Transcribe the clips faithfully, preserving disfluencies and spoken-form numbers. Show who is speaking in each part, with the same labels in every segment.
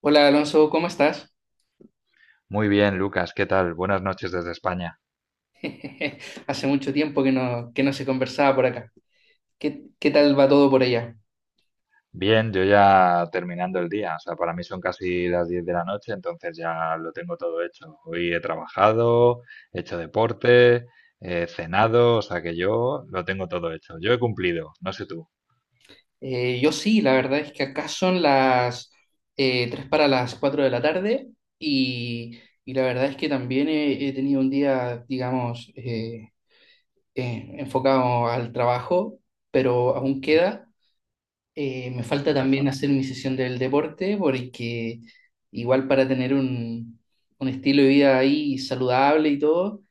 Speaker 1: Hola Alonso, ¿cómo estás?
Speaker 2: Muy bien, Lucas, ¿qué tal? Buenas noches desde España.
Speaker 1: Hace mucho tiempo que no, que no se conversaba por acá. ¿Qué, qué tal va todo por allá?
Speaker 2: Bien, yo ya terminando el día, o sea, para mí son casi las diez de la noche, entonces ya lo tengo todo hecho. Hoy he trabajado, he hecho deporte, he cenado, o sea que yo lo tengo todo hecho. Yo he cumplido, no sé tú.
Speaker 1: Eh, yo sí, la verdad es que acá son las eh, tres para las cuatro de la tarde, y, y la verdad es que también he, he tenido un día, digamos, eh, eh, enfocado al trabajo, pero aún
Speaker 2: Ujú.
Speaker 1: queda. Eh, me falta
Speaker 2: No te
Speaker 1: también hacer
Speaker 2: falta.
Speaker 1: mi sesión del deporte porque igual para tener un, un estilo de vida ahí saludable y todo.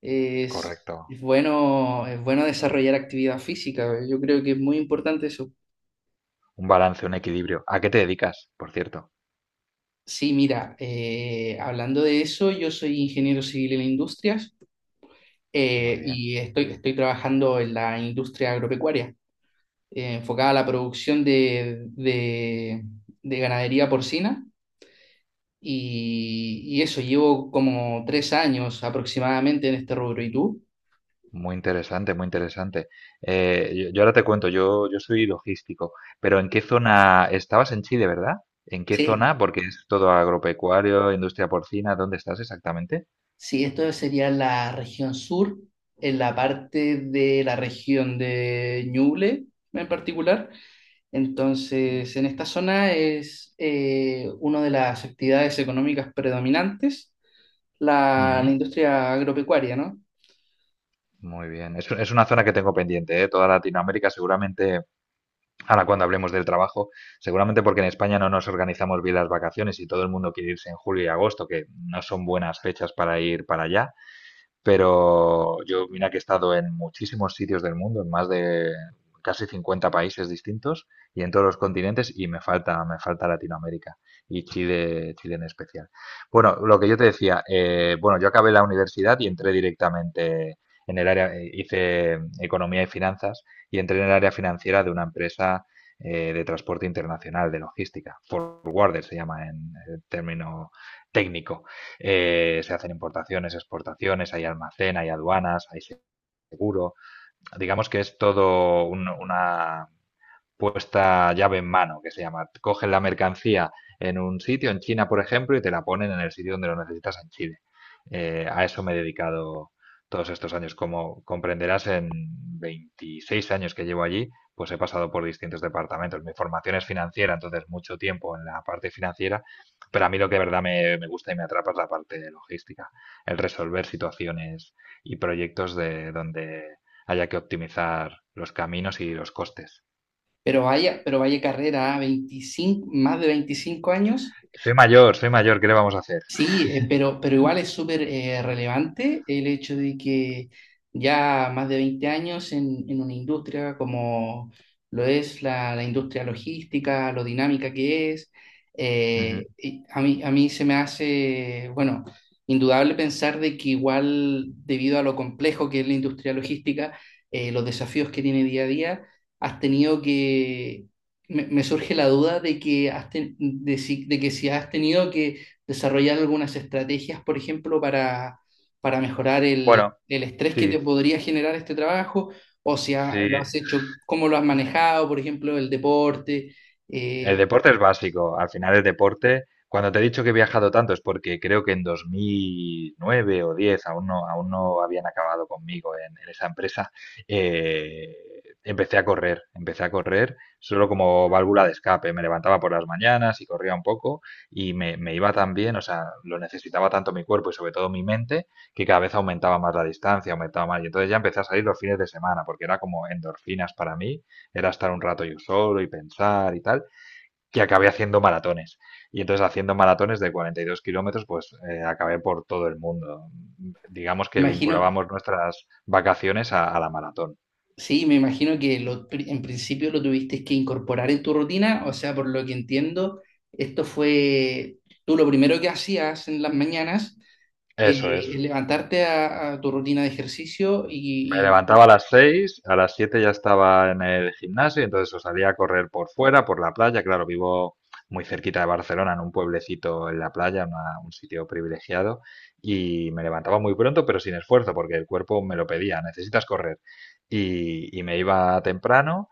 Speaker 1: Es,
Speaker 2: Correcto.
Speaker 1: es bueno, es bueno desarrollar actividad física. ¿Eh? Yo creo que es muy importante eso.
Speaker 2: Un balance, un equilibrio. ¿A qué te dedicas, por cierto?
Speaker 1: Sí, mira, eh, hablando de eso, yo soy ingeniero civil en industrias,
Speaker 2: Muy
Speaker 1: eh,
Speaker 2: bien.
Speaker 1: y estoy, estoy trabajando en la industria agropecuaria, eh, enfocada a la producción de, de- de ganadería porcina, y, y eso, llevo como tres años aproximadamente en este rubro. ¿Y tú?
Speaker 2: Muy interesante, muy interesante. Eh, yo, yo ahora te cuento, yo, yo soy logístico. Pero ¿en qué zona estabas en Chile, verdad? ¿En qué
Speaker 1: Sí.
Speaker 2: zona? Porque es todo agropecuario, industria porcina, ¿dónde estás exactamente?
Speaker 1: Sí, esto sería la región sur, en la parte de la región de Ñuble en particular. Entonces, en esta zona es eh, una de las actividades económicas predominantes la,
Speaker 2: Ujú.
Speaker 1: la industria agropecuaria, ¿no?
Speaker 2: Muy bien, es, es una zona que tengo pendiente, ¿eh? Toda Latinoamérica seguramente, ahora cuando hablemos del trabajo, seguramente porque en España no nos organizamos bien las vacaciones y todo el mundo quiere irse en julio y agosto, que no son buenas fechas para ir para allá. Pero yo, mira que he estado en muchísimos sitios del mundo, en más de casi cincuenta países distintos y en todos los continentes, y me falta, me falta Latinoamérica, y Chile, Chile en especial. Bueno, lo que yo te decía, eh, bueno, yo acabé la universidad y entré directamente en el área, eh, hice economía y finanzas y entré en el área financiera de una empresa, eh, de transporte internacional, de logística, forwarder se llama en, en término técnico. Eh, se hacen importaciones, exportaciones, hay almacén, hay aduanas, hay seguro. Digamos que es todo un- una, puesta llave en mano, que se llama. Cogen la mercancía en un sitio, en China, por ejemplo, y te la ponen en el sitio donde lo necesitas en Chile. Eh, a eso me he dedicado todos estos años. Como comprenderás, en veintiséis años que llevo allí, pues he pasado por distintos departamentos. Mi formación es financiera, entonces mucho tiempo en la parte financiera, pero a mí lo que de verdad me, me gusta y me atrapa es la parte de logística, el resolver situaciones y proyectos de donde haya que optimizar los caminos y los costes.
Speaker 1: Pero vaya, pero vaya carrera, ¿ah? veinticinco, más de veinticinco años.
Speaker 2: Soy mayor, soy mayor, ¿qué le vamos a hacer?
Speaker 1: Sí, eh, pero, pero igual es súper eh, relevante el hecho de que ya más de veinte años en, en una industria como lo es la, la industria logística, lo dinámica que es,
Speaker 2: Ujú.
Speaker 1: eh, y a mí, a mí se me hace, bueno, indudable pensar de que igual debido a lo complejo que es la industria logística, eh, los desafíos que tiene día a día, has tenido que, me, me surge la duda de que, has ten- de si- de que si has tenido que desarrollar algunas estrategias, por ejemplo, para, para mejorar el,
Speaker 2: Bueno,
Speaker 1: el estrés que
Speaker 2: sí,
Speaker 1: te podría generar este trabajo, o si ha-
Speaker 2: sí.
Speaker 1: lo has hecho, cómo lo has manejado, por ejemplo, el deporte.
Speaker 2: El
Speaker 1: eh,
Speaker 2: deporte es básico. Al final el deporte, cuando te he dicho que he viajado tanto, es porque creo que en dos mil nueve o diez aún no, aún no habían acabado conmigo en, en esa empresa. eh, Empecé a correr, empecé a correr solo como válvula de escape. Me levantaba por las mañanas y corría un poco, y me, me iba tan bien, o sea, lo necesitaba tanto mi cuerpo y sobre todo mi mente, que cada vez aumentaba más la distancia, aumentaba más, y entonces ya empecé a salir los fines de semana porque era como endorfinas para mí, era estar un rato yo solo y pensar y tal, y acabé haciendo maratones. Y entonces, haciendo maratones de cuarenta y dos kilómetros, pues eh, acabé por todo el mundo. Digamos que
Speaker 1: imagino,
Speaker 2: vinculábamos nuestras vacaciones a, a la maratón.
Speaker 1: sí, me imagino que lo pri- en principio lo tuviste que incorporar en tu rutina, o sea, por lo que entiendo, esto fue tú lo primero que hacías en las mañanas.
Speaker 2: Eso
Speaker 1: eh,
Speaker 2: es.
Speaker 1: levantarte a, a tu rutina de ejercicio
Speaker 2: Me
Speaker 1: y, y-
Speaker 2: levantaba a las seis, a las siete ya estaba en el gimnasio, entonces o salía a correr por fuera, por la playa. Claro, vivo muy cerquita de Barcelona, en un pueblecito en la playa, una- un sitio privilegiado, y me levantaba muy pronto, pero sin esfuerzo, porque el cuerpo me lo pedía, necesitas correr. Y, y me iba temprano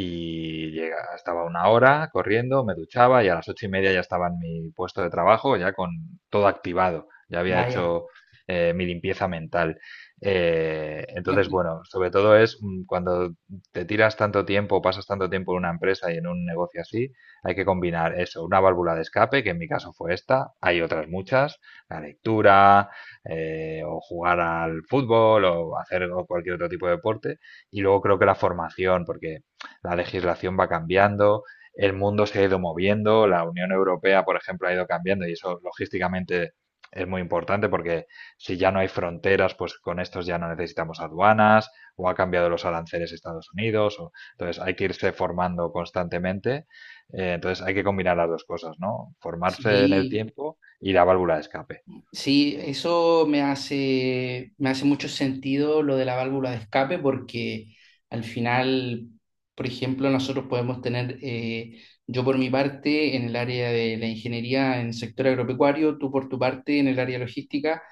Speaker 2: y llega, estaba una hora corriendo, me duchaba, y a las ocho y media ya estaba en mi puesto de trabajo, ya con todo activado, ya había
Speaker 1: vaya,
Speaker 2: hecho eh, mi limpieza mental. Eh,
Speaker 1: la-
Speaker 2: entonces, bueno, sobre todo es, mm, cuando te tiras tanto tiempo, pasas tanto tiempo en una empresa y en un negocio así, hay que combinar eso, una válvula de escape, que en mi caso fue esta. Hay otras muchas, la lectura, eh, o jugar al fútbol, o hacer cualquier otro tipo de deporte. Y luego creo que la formación, porque la legislación va cambiando, el mundo se ha ido moviendo, la Unión Europea, por ejemplo, ha ido cambiando, y eso logísticamente es muy importante, porque si ya no hay fronteras, pues con estos ya no necesitamos aduanas, o ha cambiado los aranceles de Estados Unidos. O, entonces, hay que irse formando constantemente. Eh, entonces hay que combinar las dos cosas, ¿no? Formarse en el
Speaker 1: sí.
Speaker 2: tiempo y la válvula de escape.
Speaker 1: Sí, eso me hace, me hace mucho sentido lo de la válvula de escape porque al final, por ejemplo, nosotros podemos tener, eh, yo por mi parte en el área de la ingeniería en el sector agropecuario, tú por tu parte en el área logística,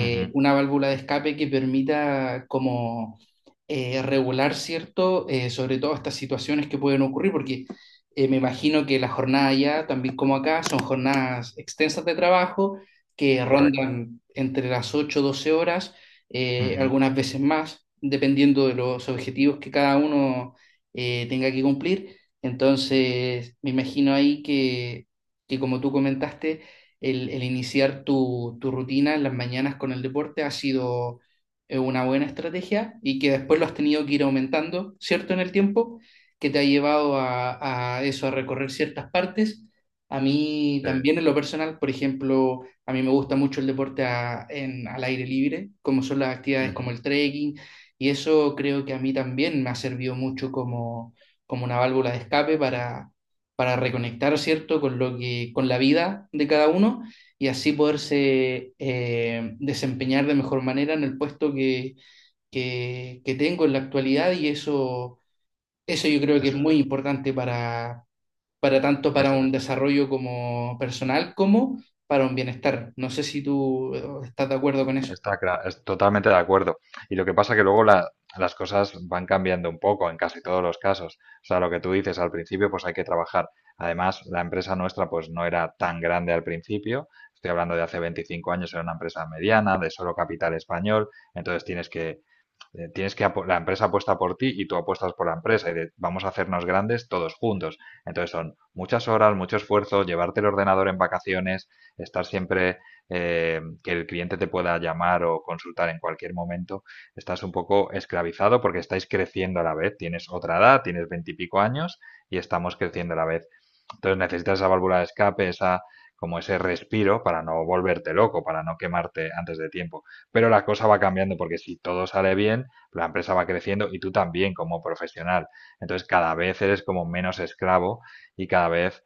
Speaker 2: Ujú.
Speaker 1: una válvula de escape que permita como eh, regular, ¿cierto? Eh, sobre todo estas situaciones que pueden ocurrir, porque eh, me imagino que la jornada allá, también como acá, son jornadas extensas de trabajo que
Speaker 2: Correcto.
Speaker 1: rondan entre las ocho doce horas, eh,
Speaker 2: Ujú.
Speaker 1: algunas veces más, dependiendo de los objetivos que cada uno eh, tenga que cumplir. Entonces, me imagino ahí que, que como tú comentaste, el, el iniciar tu, tu rutina en las mañanas con el deporte ha sido eh, una buena estrategia y que después lo has tenido que ir aumentando, ¿cierto? En el tiempo, que te ha llevado a, a eso, a recorrer ciertas partes. A mí
Speaker 2: Sí,
Speaker 1: también en lo personal, por ejemplo, a mí me gusta mucho el deporte a- en- al aire libre, como son las actividades como
Speaker 2: ujú.
Speaker 1: el trekking, y eso creo que a mí también me ha servido mucho como, como una válvula de escape para, para reconectar, ¿cierto?, con lo que, con la vida de cada uno y así poderse eh, desempeñar de mejor manera en el puesto que, que, que tengo en la actualidad y eso, eso, yo creo que es
Speaker 2: Eso
Speaker 1: muy
Speaker 2: es,
Speaker 1: importante para, para tanto para
Speaker 2: eso
Speaker 1: un
Speaker 2: es, eso es.
Speaker 1: desarrollo como personal como para un bienestar. No sé si tú eh, estás de acuerdo con eso.
Speaker 2: Está cla- es totalmente de acuerdo. Y lo que pasa que luego la- las cosas van cambiando un poco en casi todos los casos. O sea, lo que tú dices, al principio pues hay que trabajar. Además, la empresa nuestra pues no era tan grande al principio. Estoy hablando de hace veinticinco años, era una empresa mediana, de solo capital español. Entonces tienes que eh, Tienes que la empresa apuesta por ti y tú apuestas por la empresa, y de- vamos a hacernos grandes todos juntos. Entonces son muchas horas, mucho esfuerzo, llevarte el ordenador en vacaciones, estar siempre, eh, que el cliente te pueda llamar o consultar en cualquier momento. Estás un poco esclavizado porque estáis creciendo a la vez. Tienes otra edad, tienes veintipico años y estamos creciendo a la vez. Entonces necesitas esa válvula de escape, esa, como ese respiro, para no volverte loco, para no quemarte antes de tiempo. Pero la cosa va cambiando, porque si todo sale bien, la empresa va creciendo y tú también como profesional. Entonces cada vez eres como menos esclavo, y cada vez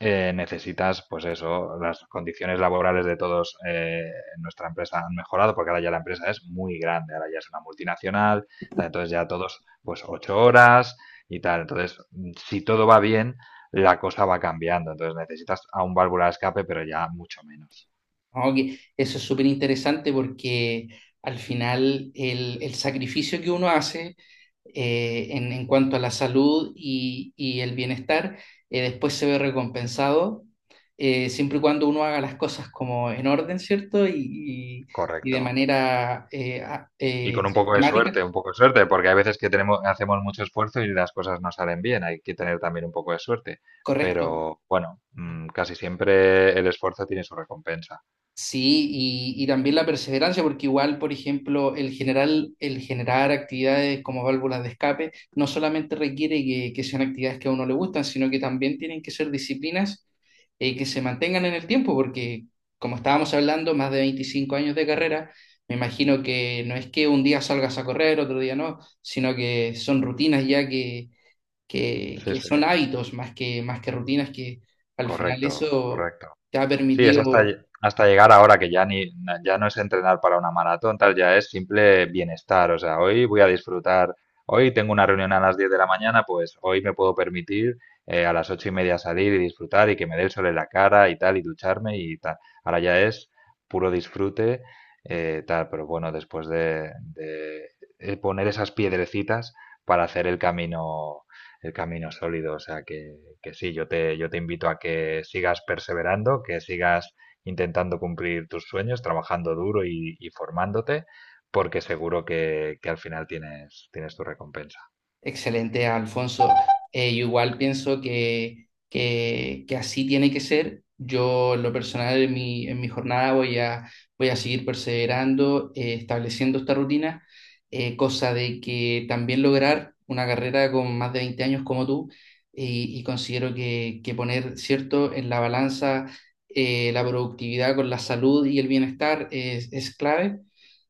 Speaker 2: eh, necesitas, pues eso, las condiciones laborales de todos, eh, en nuestra empresa, han mejorado, porque ahora ya la empresa es muy grande, ahora ya es una multinacional, tal. Entonces ya todos, pues ocho horas y tal. Entonces, mm, si todo va bien, la cosa va cambiando. Entonces necesitas a un válvula de escape, pero ya mucho menos.
Speaker 1: No, que eso es súper interesante porque al final el, el sacrificio que uno hace eh, en, en cuanto a la salud y, y el bienestar, eh, después se ve recompensado eh, siempre y cuando uno haga las cosas como en orden, ¿cierto? Y, y- y de
Speaker 2: Correcto.
Speaker 1: manera eh, a-
Speaker 2: Y
Speaker 1: eh,
Speaker 2: con un poco de
Speaker 1: sistemática.
Speaker 2: suerte, un poco de suerte, porque hay veces que tenemos, hacemos mucho esfuerzo y las cosas no salen bien. Hay que tener también un poco de suerte.
Speaker 1: Correcto.
Speaker 2: Pero bueno, mm, casi siempre el esfuerzo tiene su recompensa.
Speaker 1: Sí, y, y también la perseverancia, porque igual, por ejemplo, el general, el generar actividades como válvulas de escape no solamente requiere que, que sean actividades que a uno le gustan, sino que también tienen que ser disciplinas eh, que se mantengan en el tiempo, porque como estábamos hablando, más de veinticinco años de carrera, me imagino que no es que un día salgas a correr, otro día no, sino que son rutinas ya que, que,
Speaker 2: Sí,
Speaker 1: que
Speaker 2: sí,
Speaker 1: son hábitos más que, más que rutinas que al final
Speaker 2: correcto,
Speaker 1: eso
Speaker 2: correcto.
Speaker 1: te ha
Speaker 2: Sí, es
Speaker 1: permitido.
Speaker 2: hasta, lle- hasta llegar ahora que ya ni na- ya no es entrenar para una maratón, tal, ya es simple bienestar. O sea, hoy voy a disfrutar, hoy tengo una reunión a las diez de la mañana, pues hoy me puedo permitir eh, a las ocho y media salir y disfrutar y que me dé el sol en la cara y tal, y ducharme y tal. Ahora ya es puro disfrute, eh, tal, pero bueno, después de, de eh, poner esas piedrecitas para hacer el camino el camino sólido. O sea que, que sí, yo te, yo te invito a que sigas perseverando, que sigas intentando cumplir tus sueños, trabajando duro y, y formándote, porque seguro que, que al final tienes, tienes tu recompensa.
Speaker 1: Excelente, Alfonso. Eh, yo igual pienso que, que, que así tiene que ser. Yo, en lo personal, en mi, en mi jornada voy a, voy a seguir perseverando, eh, estableciendo esta rutina, eh, cosa de que también lograr una carrera con más de veinte años como tú, y, y considero que, que poner, cierto, en la balanza eh, la productividad con la salud y el bienestar es, es clave.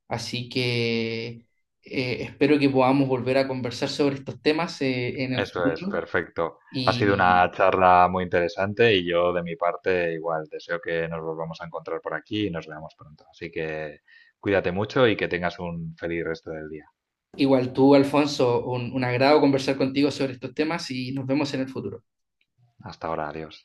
Speaker 1: Así que eh, espero que podamos volver a conversar sobre estos temas eh, en el
Speaker 2: Eso es,
Speaker 1: futuro.
Speaker 2: perfecto. Ha sido
Speaker 1: Y
Speaker 2: una charla muy interesante y yo de mi parte igual deseo que nos volvamos a encontrar por aquí y nos veamos pronto. Así que cuídate mucho y que tengas un feliz resto del día.
Speaker 1: igual tú, Alfonso, un un agrado conversar contigo sobre estos temas y nos vemos en el futuro.
Speaker 2: Hasta ahora, adiós.